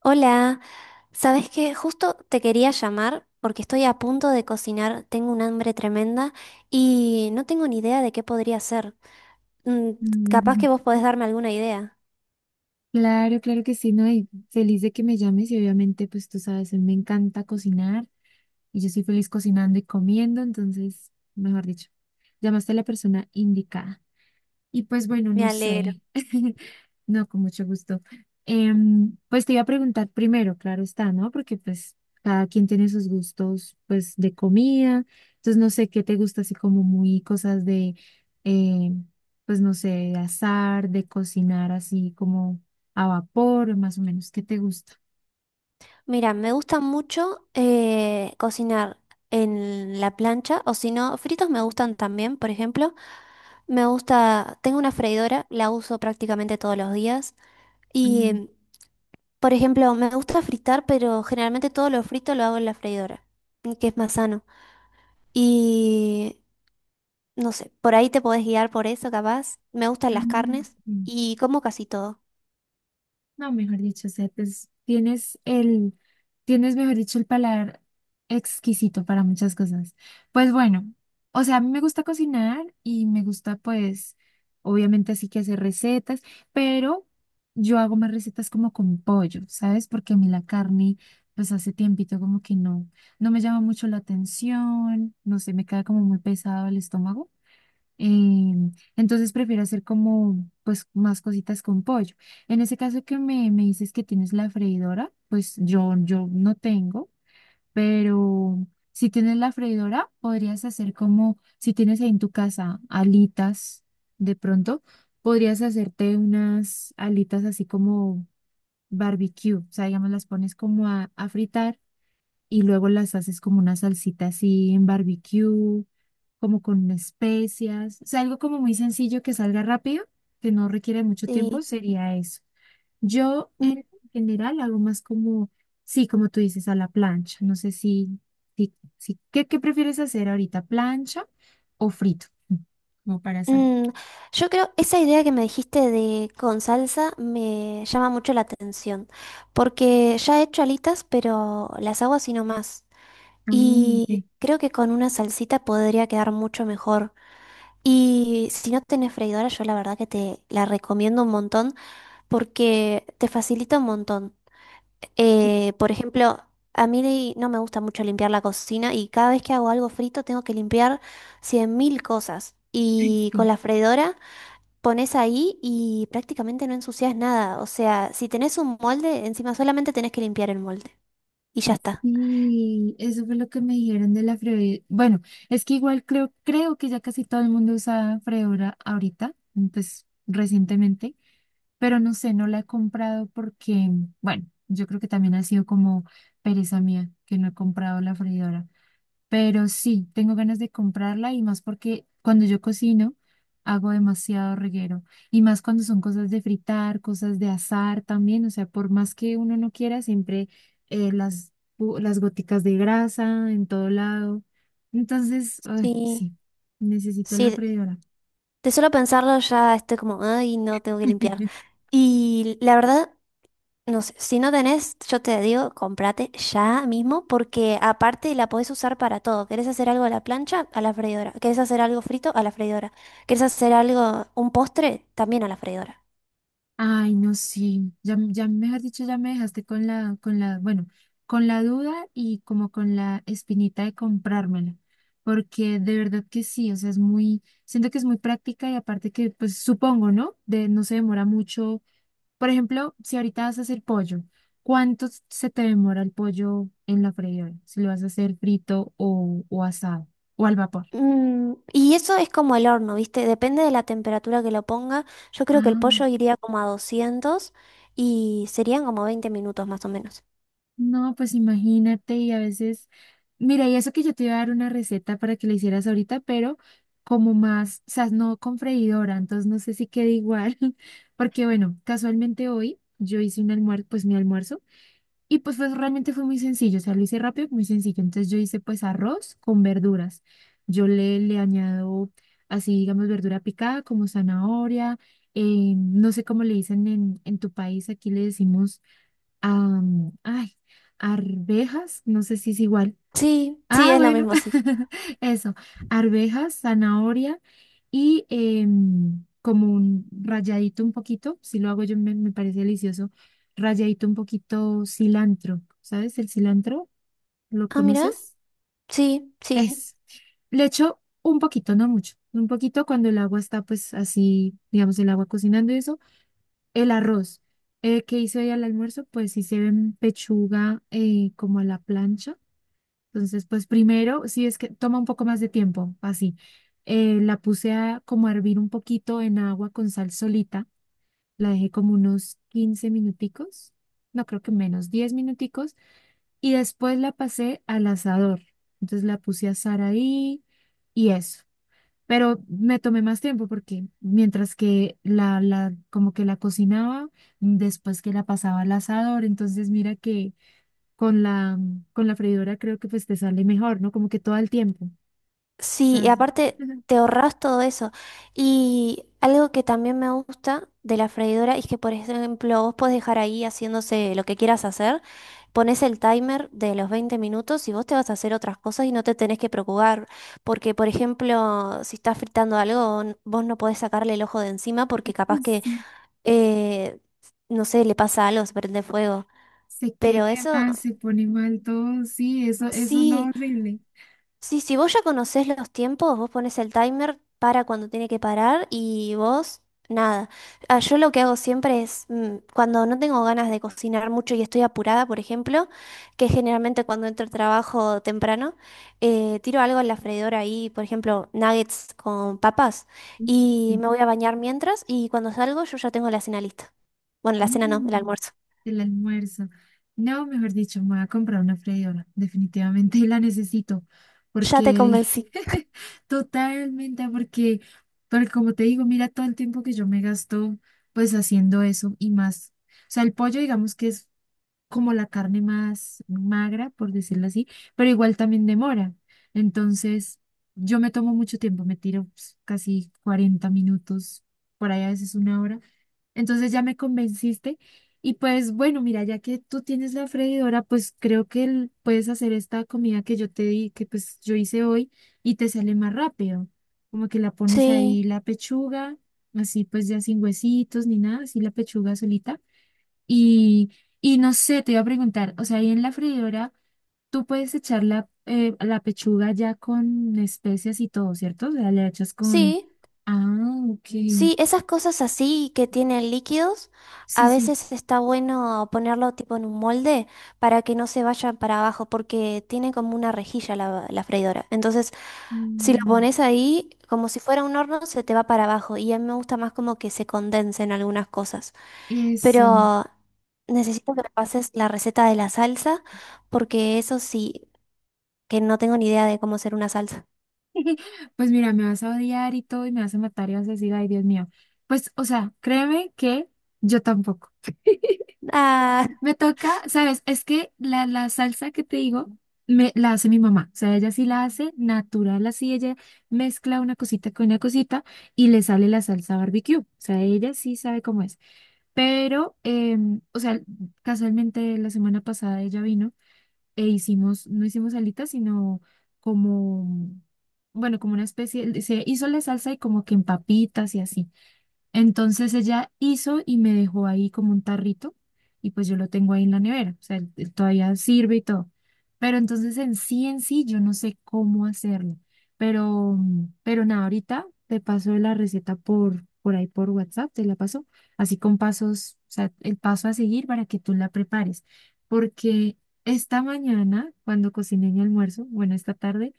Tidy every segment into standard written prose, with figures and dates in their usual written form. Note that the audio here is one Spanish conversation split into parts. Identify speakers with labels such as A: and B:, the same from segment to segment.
A: Hola, ¿sabes qué? Justo te quería llamar porque estoy a punto de cocinar, tengo un hambre tremenda y no tengo ni idea de qué podría hacer. Mm, Capaz
B: Mm,
A: que vos podés darme alguna idea.
B: Claro, claro que sí, ¿no? Y feliz de que me llames y obviamente, pues tú sabes, a mí me encanta cocinar y yo soy feliz cocinando y comiendo, entonces, mejor dicho, llamaste a la persona indicada. Y pues bueno,
A: Me
B: no
A: alegro.
B: sé. No, con mucho gusto. Pues te iba a preguntar primero, claro está, ¿no? Porque pues cada quien tiene sus gustos, pues de comida. Entonces no sé qué te gusta, así como muy cosas de, eh, pues no sé, de asar, de cocinar así como a vapor, más o menos. ¿Qué te gusta?
A: Mira, me gusta mucho cocinar en la plancha o si no, fritos me gustan también, por ejemplo. Me gusta, tengo una freidora, la uso prácticamente todos los días y,
B: Mm,
A: mm, por ejemplo, me gusta fritar, pero generalmente todo lo frito lo hago en la freidora, que es más sano. Y no sé, por ahí te podés guiar por eso, capaz. Me gustan las carnes
B: mm.
A: y como casi todo.
B: No, mejor dicho, o sea, pues, tienes, mejor dicho, el paladar exquisito para muchas cosas. Pues bueno, o sea, a mí me gusta cocinar y me gusta, pues, obviamente así que hacer recetas, pero yo hago más recetas como con pollo, ¿sabes? Porque a mí la carne, pues hace tiempito como que no, no me llama mucho la atención, no sé, me queda como muy pesado el estómago. Entonces prefiero hacer como pues más cositas con pollo. En ese caso que me dices que tienes la freidora, pues yo no tengo, pero si tienes la freidora, podrías hacer como si tienes ahí en tu casa alitas de pronto, podrías hacerte unas alitas así como barbecue, o sea, digamos, las pones como a fritar y luego las haces como una salsita así en barbecue, como con especias, o sea, algo como muy sencillo que salga rápido, que no requiere mucho tiempo,
A: Sí.
B: sería eso. Yo
A: Mm,
B: en general hago más como, sí, como tú dices, a la plancha. No sé ¿qué prefieres hacer ahorita, plancha o frito? Como para saber.
A: mm, yo creo, esa idea que me dijiste de con salsa me llama mucho la atención, porque ya he hecho alitas, pero las hago así nomás.
B: Ah, ok.
A: Y creo que con una salsita podría quedar mucho mejor. Y si no tenés freidora, yo la verdad que te la recomiendo un montón porque te facilita un montón. Por ejemplo, a mí no me gusta mucho limpiar la cocina y cada vez que hago algo frito tengo que limpiar 100.000 cosas.
B: Sí.
A: Y con la freidora pones ahí y prácticamente no ensucias nada. O sea, si tenés un molde, encima solamente tenés que limpiar el molde. Y ya está.
B: Y eso fue lo que me dijeron de la freidora. Bueno, es que igual creo que ya casi todo el mundo usa freidora ahorita, pues recientemente, pero no sé, no la he comprado porque, bueno, yo creo que también ha sido como pereza mía que no he comprado la freidora. Pero sí, tengo ganas de comprarla y más porque cuando yo cocino hago demasiado reguero y más cuando son cosas de fritar, cosas de asar también, o sea, por más que uno no quiera, siempre las, las goticas de grasa en todo lado. Entonces, ay,
A: Sí,
B: sí, necesito la
A: sí,
B: freidora.
A: de solo pensarlo ya estoy como, ay, no tengo que limpiar. Y la verdad, no sé, si no tenés, yo te digo, comprate ya mismo, porque aparte la podés usar para todo. ¿Querés hacer algo a la plancha? A la freidora. ¿Querés hacer algo frito? A la freidora. ¿Querés hacer algo, un postre? También a la freidora.
B: Ay, no, sí, ya, ya mejor dicho, ya me dejaste con la, bueno, con la duda y como con la espinita de comprármela, porque de verdad que sí, o sea, es muy, siento que es muy práctica y aparte que, pues supongo, ¿no? De no se demora mucho. Por ejemplo, si ahorita vas a hacer pollo, ¿cuánto se te demora el pollo en la freidora? Si lo vas a hacer frito o asado o al vapor.
A: Mm, y eso es como el horno, ¿viste? Depende de la temperatura que lo ponga. Yo creo que el
B: Ah.
A: pollo iría como a 200 y serían como 20 minutos más o menos.
B: No, pues imagínate y a veces, mira, y eso que yo te iba a dar una receta para que la hicieras ahorita, pero como más, o sea, no con freidora, entonces no sé si queda igual, porque bueno, casualmente hoy yo hice un almuerzo, pues mi almuerzo, y pues, realmente fue muy sencillo, o sea, lo hice rápido, muy sencillo, entonces yo hice pues arroz con verduras, yo le añado así, digamos, verdura picada como zanahoria, no sé cómo le dicen en tu país, aquí le decimos ay, arvejas, no sé si es igual.
A: Sí, sí,
B: Ah,
A: es lo
B: bueno,
A: mismo, sí.
B: eso, arvejas, zanahoria y como un rayadito un poquito, si lo hago yo me parece delicioso, rayadito un poquito cilantro, ¿sabes? El cilantro, ¿lo
A: Ah, mira,
B: conoces?
A: sí, sí.
B: Es. Le echo un poquito, no mucho, un poquito cuando el agua está pues así, digamos, el agua cocinando y eso el arroz. ¿Qué hice hoy al almuerzo? Pues hice pechuga como a la plancha. Entonces, pues primero, sí es que toma un poco más de tiempo, así. La puse a, como a hervir un poquito en agua con sal solita. La dejé como unos 15 minuticos, no creo que menos, 10 minuticos. Y después la pasé al asador. Entonces la puse a asar ahí y eso. Pero me tomé más tiempo porque mientras que como que la cocinaba, después que la pasaba al asador, entonces mira que con la, con la freidora creo que pues te sale mejor, ¿no? Como que todo el tiempo. O
A: Sí,
B: sea.
A: y aparte te ahorras todo eso. Y algo que también me gusta de la freidora es que, por ejemplo, vos podés dejar ahí haciéndose lo que quieras hacer, pones el timer de los 20 minutos y vos te vas a hacer otras cosas y no te tenés que preocupar, porque, por ejemplo, si estás fritando algo, vos no podés sacarle el ojo de encima porque capaz
B: Ay,
A: que,
B: sí,
A: eh, no sé, le pasa algo, se prende fuego.
B: se
A: Pero
B: queme
A: eso,
B: más, se pone mal todo, sí, eso es lo
A: sí.
B: horrible.
A: Sí, si vos ya conocés los tiempos, vos pones el timer para cuando tiene que parar y vos nada. Ah, yo lo que hago siempre es, cuando no tengo ganas de cocinar mucho y estoy apurada, por ejemplo, que generalmente cuando entro al trabajo temprano, tiro algo en la freidora ahí, por ejemplo, nuggets con papas
B: Sí.
A: y
B: Sí.
A: me voy a bañar mientras y cuando salgo yo ya tengo la cena lista. Bueno, la cena no, el
B: Mm.
A: almuerzo.
B: El almuerzo. No, mejor dicho, me voy a comprar una freidora. Definitivamente la necesito.
A: Ya te
B: Porque,
A: convencí.
B: totalmente, porque, porque como te digo, mira todo el tiempo que yo me gasto pues haciendo eso y más. O sea, el pollo, digamos que es como la carne más magra, por decirlo así, pero igual también demora. Entonces, yo me tomo mucho tiempo, me tiro pues, casi 40 minutos, por ahí a veces una hora, entonces ya me convenciste y pues bueno, mira, ya que tú tienes la freidora, pues creo que puedes hacer esta comida que yo te di, que pues yo hice hoy y te sale más rápido. Como que la pones
A: Sí,
B: ahí la pechuga, así pues ya sin huesitos ni nada, así la pechuga solita. Y, y no sé, te iba a preguntar, o sea, ahí en la freidora tú puedes echar la, la pechuga ya con especias y todo, ¿cierto? O sea, le echas con...
A: sí.
B: Ah, ok.
A: Sí, esas cosas así que tienen líquidos, a
B: Sí, sí.
A: veces está bueno ponerlo tipo en un molde para que no se vayan para abajo, porque tiene como una rejilla la, la freidora. Entonces, si lo
B: Mm.
A: pones ahí, como si fuera un horno, se te va para abajo. Y a mí me gusta más como que se condensen algunas cosas.
B: Eso.
A: Pero necesito que me pases la receta de la salsa, porque eso sí, que no tengo ni idea de cómo hacer una salsa.
B: Pues mira, me vas a odiar y todo y me vas a matar y vas a decir, ay, Dios mío. Pues, o sea, créeme que yo tampoco.
A: Ah,
B: Me toca, ¿sabes? Es que la salsa que te digo, me, la hace mi mamá. O sea, ella sí la hace natural, así ella mezcla una cosita con una cosita y le sale la salsa barbecue. O sea, ella sí sabe cómo es. Pero, o sea, casualmente la semana pasada ella vino. E hicimos, no hicimos alitas, sino como, bueno, como una especie, se hizo la salsa y como que en papitas y así. Entonces ella hizo y me dejó ahí como un tarrito y pues yo lo tengo ahí en la nevera, o sea, él todavía sirve y todo. Pero entonces en sí, yo no sé cómo hacerlo. Pero, pero nada, ahorita te paso la receta por ahí por WhatsApp, te la paso, así con pasos, o sea, el paso a seguir para que tú la prepares. Porque esta mañana, cuando cociné mi almuerzo, bueno, esta tarde,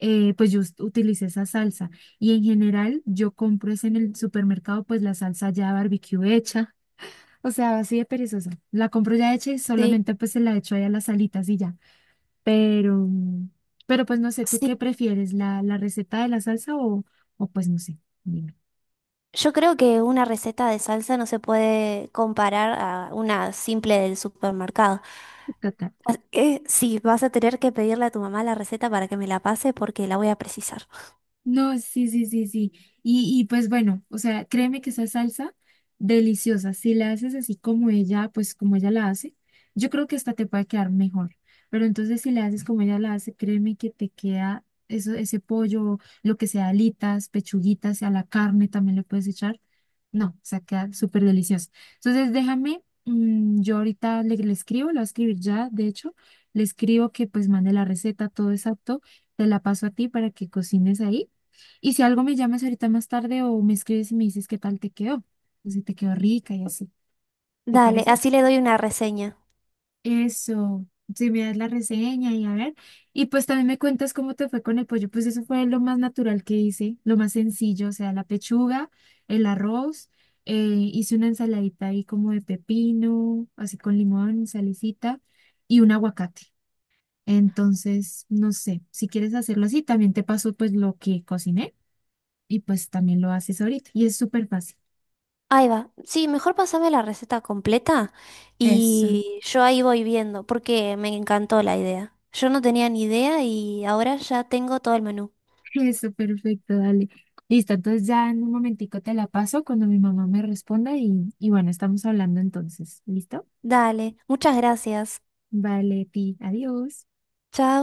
B: pues yo utilicé esa salsa. Y en general yo compro es en el supermercado pues la salsa ya barbecue hecha. O sea, así de perezosa. La compro ya hecha y
A: sí.
B: solamente pues se la echo ahí a las alitas y ya. Pero, pero pues no sé, ¿tú
A: Sí,
B: qué prefieres? ¿La receta de la salsa o pues no sé? Dime.
A: yo creo que una receta de salsa no se puede comparar a una simple del supermercado. Así que sí, vas a tener que pedirle a tu mamá la receta para que me la pase porque la voy a precisar.
B: No, sí, sí, sí, sí. Y pues bueno, o sea, créeme que esa salsa deliciosa, si la haces así como ella, pues como ella la hace, yo creo que esta te puede quedar mejor. Pero entonces si la haces como ella la hace, créeme que te queda eso, ese pollo, lo que sea, alitas, pechuguitas, a la carne también le puedes echar. No, o sea, queda súper deliciosa. Entonces déjame, yo ahorita le escribo, la voy a escribir ya, de hecho, le escribo que pues mande la receta, todo exacto, te la paso a ti para que cocines ahí. Y si algo me llamas ahorita más tarde o me escribes y me dices qué tal te quedó, o si te quedó rica y así, ¿te
A: Dale,
B: parece?
A: así le doy una reseña.
B: Eso, si me das la reseña y a ver. Y pues también me cuentas cómo te fue con el pollo, pues eso fue lo más natural que hice, lo más sencillo, o sea, la pechuga, el arroz, eh, hice una ensaladita ahí como de pepino, así con limón, salicita y un aguacate. Entonces, no sé, si quieres hacerlo así, también te paso pues lo que cociné y pues también lo haces ahorita. Y es súper fácil.
A: Ahí va. Sí, mejor pasame la receta completa
B: Eso,
A: y yo ahí voy viendo porque me encantó la idea. Yo no tenía ni idea y ahora ya tengo todo el menú.
B: eso, perfecto, dale. Listo, entonces ya en un momentico te la paso cuando mi mamá me responda y bueno, estamos hablando entonces. ¿Listo?
A: Dale, muchas gracias.
B: Vale, ti, adiós.
A: Chao.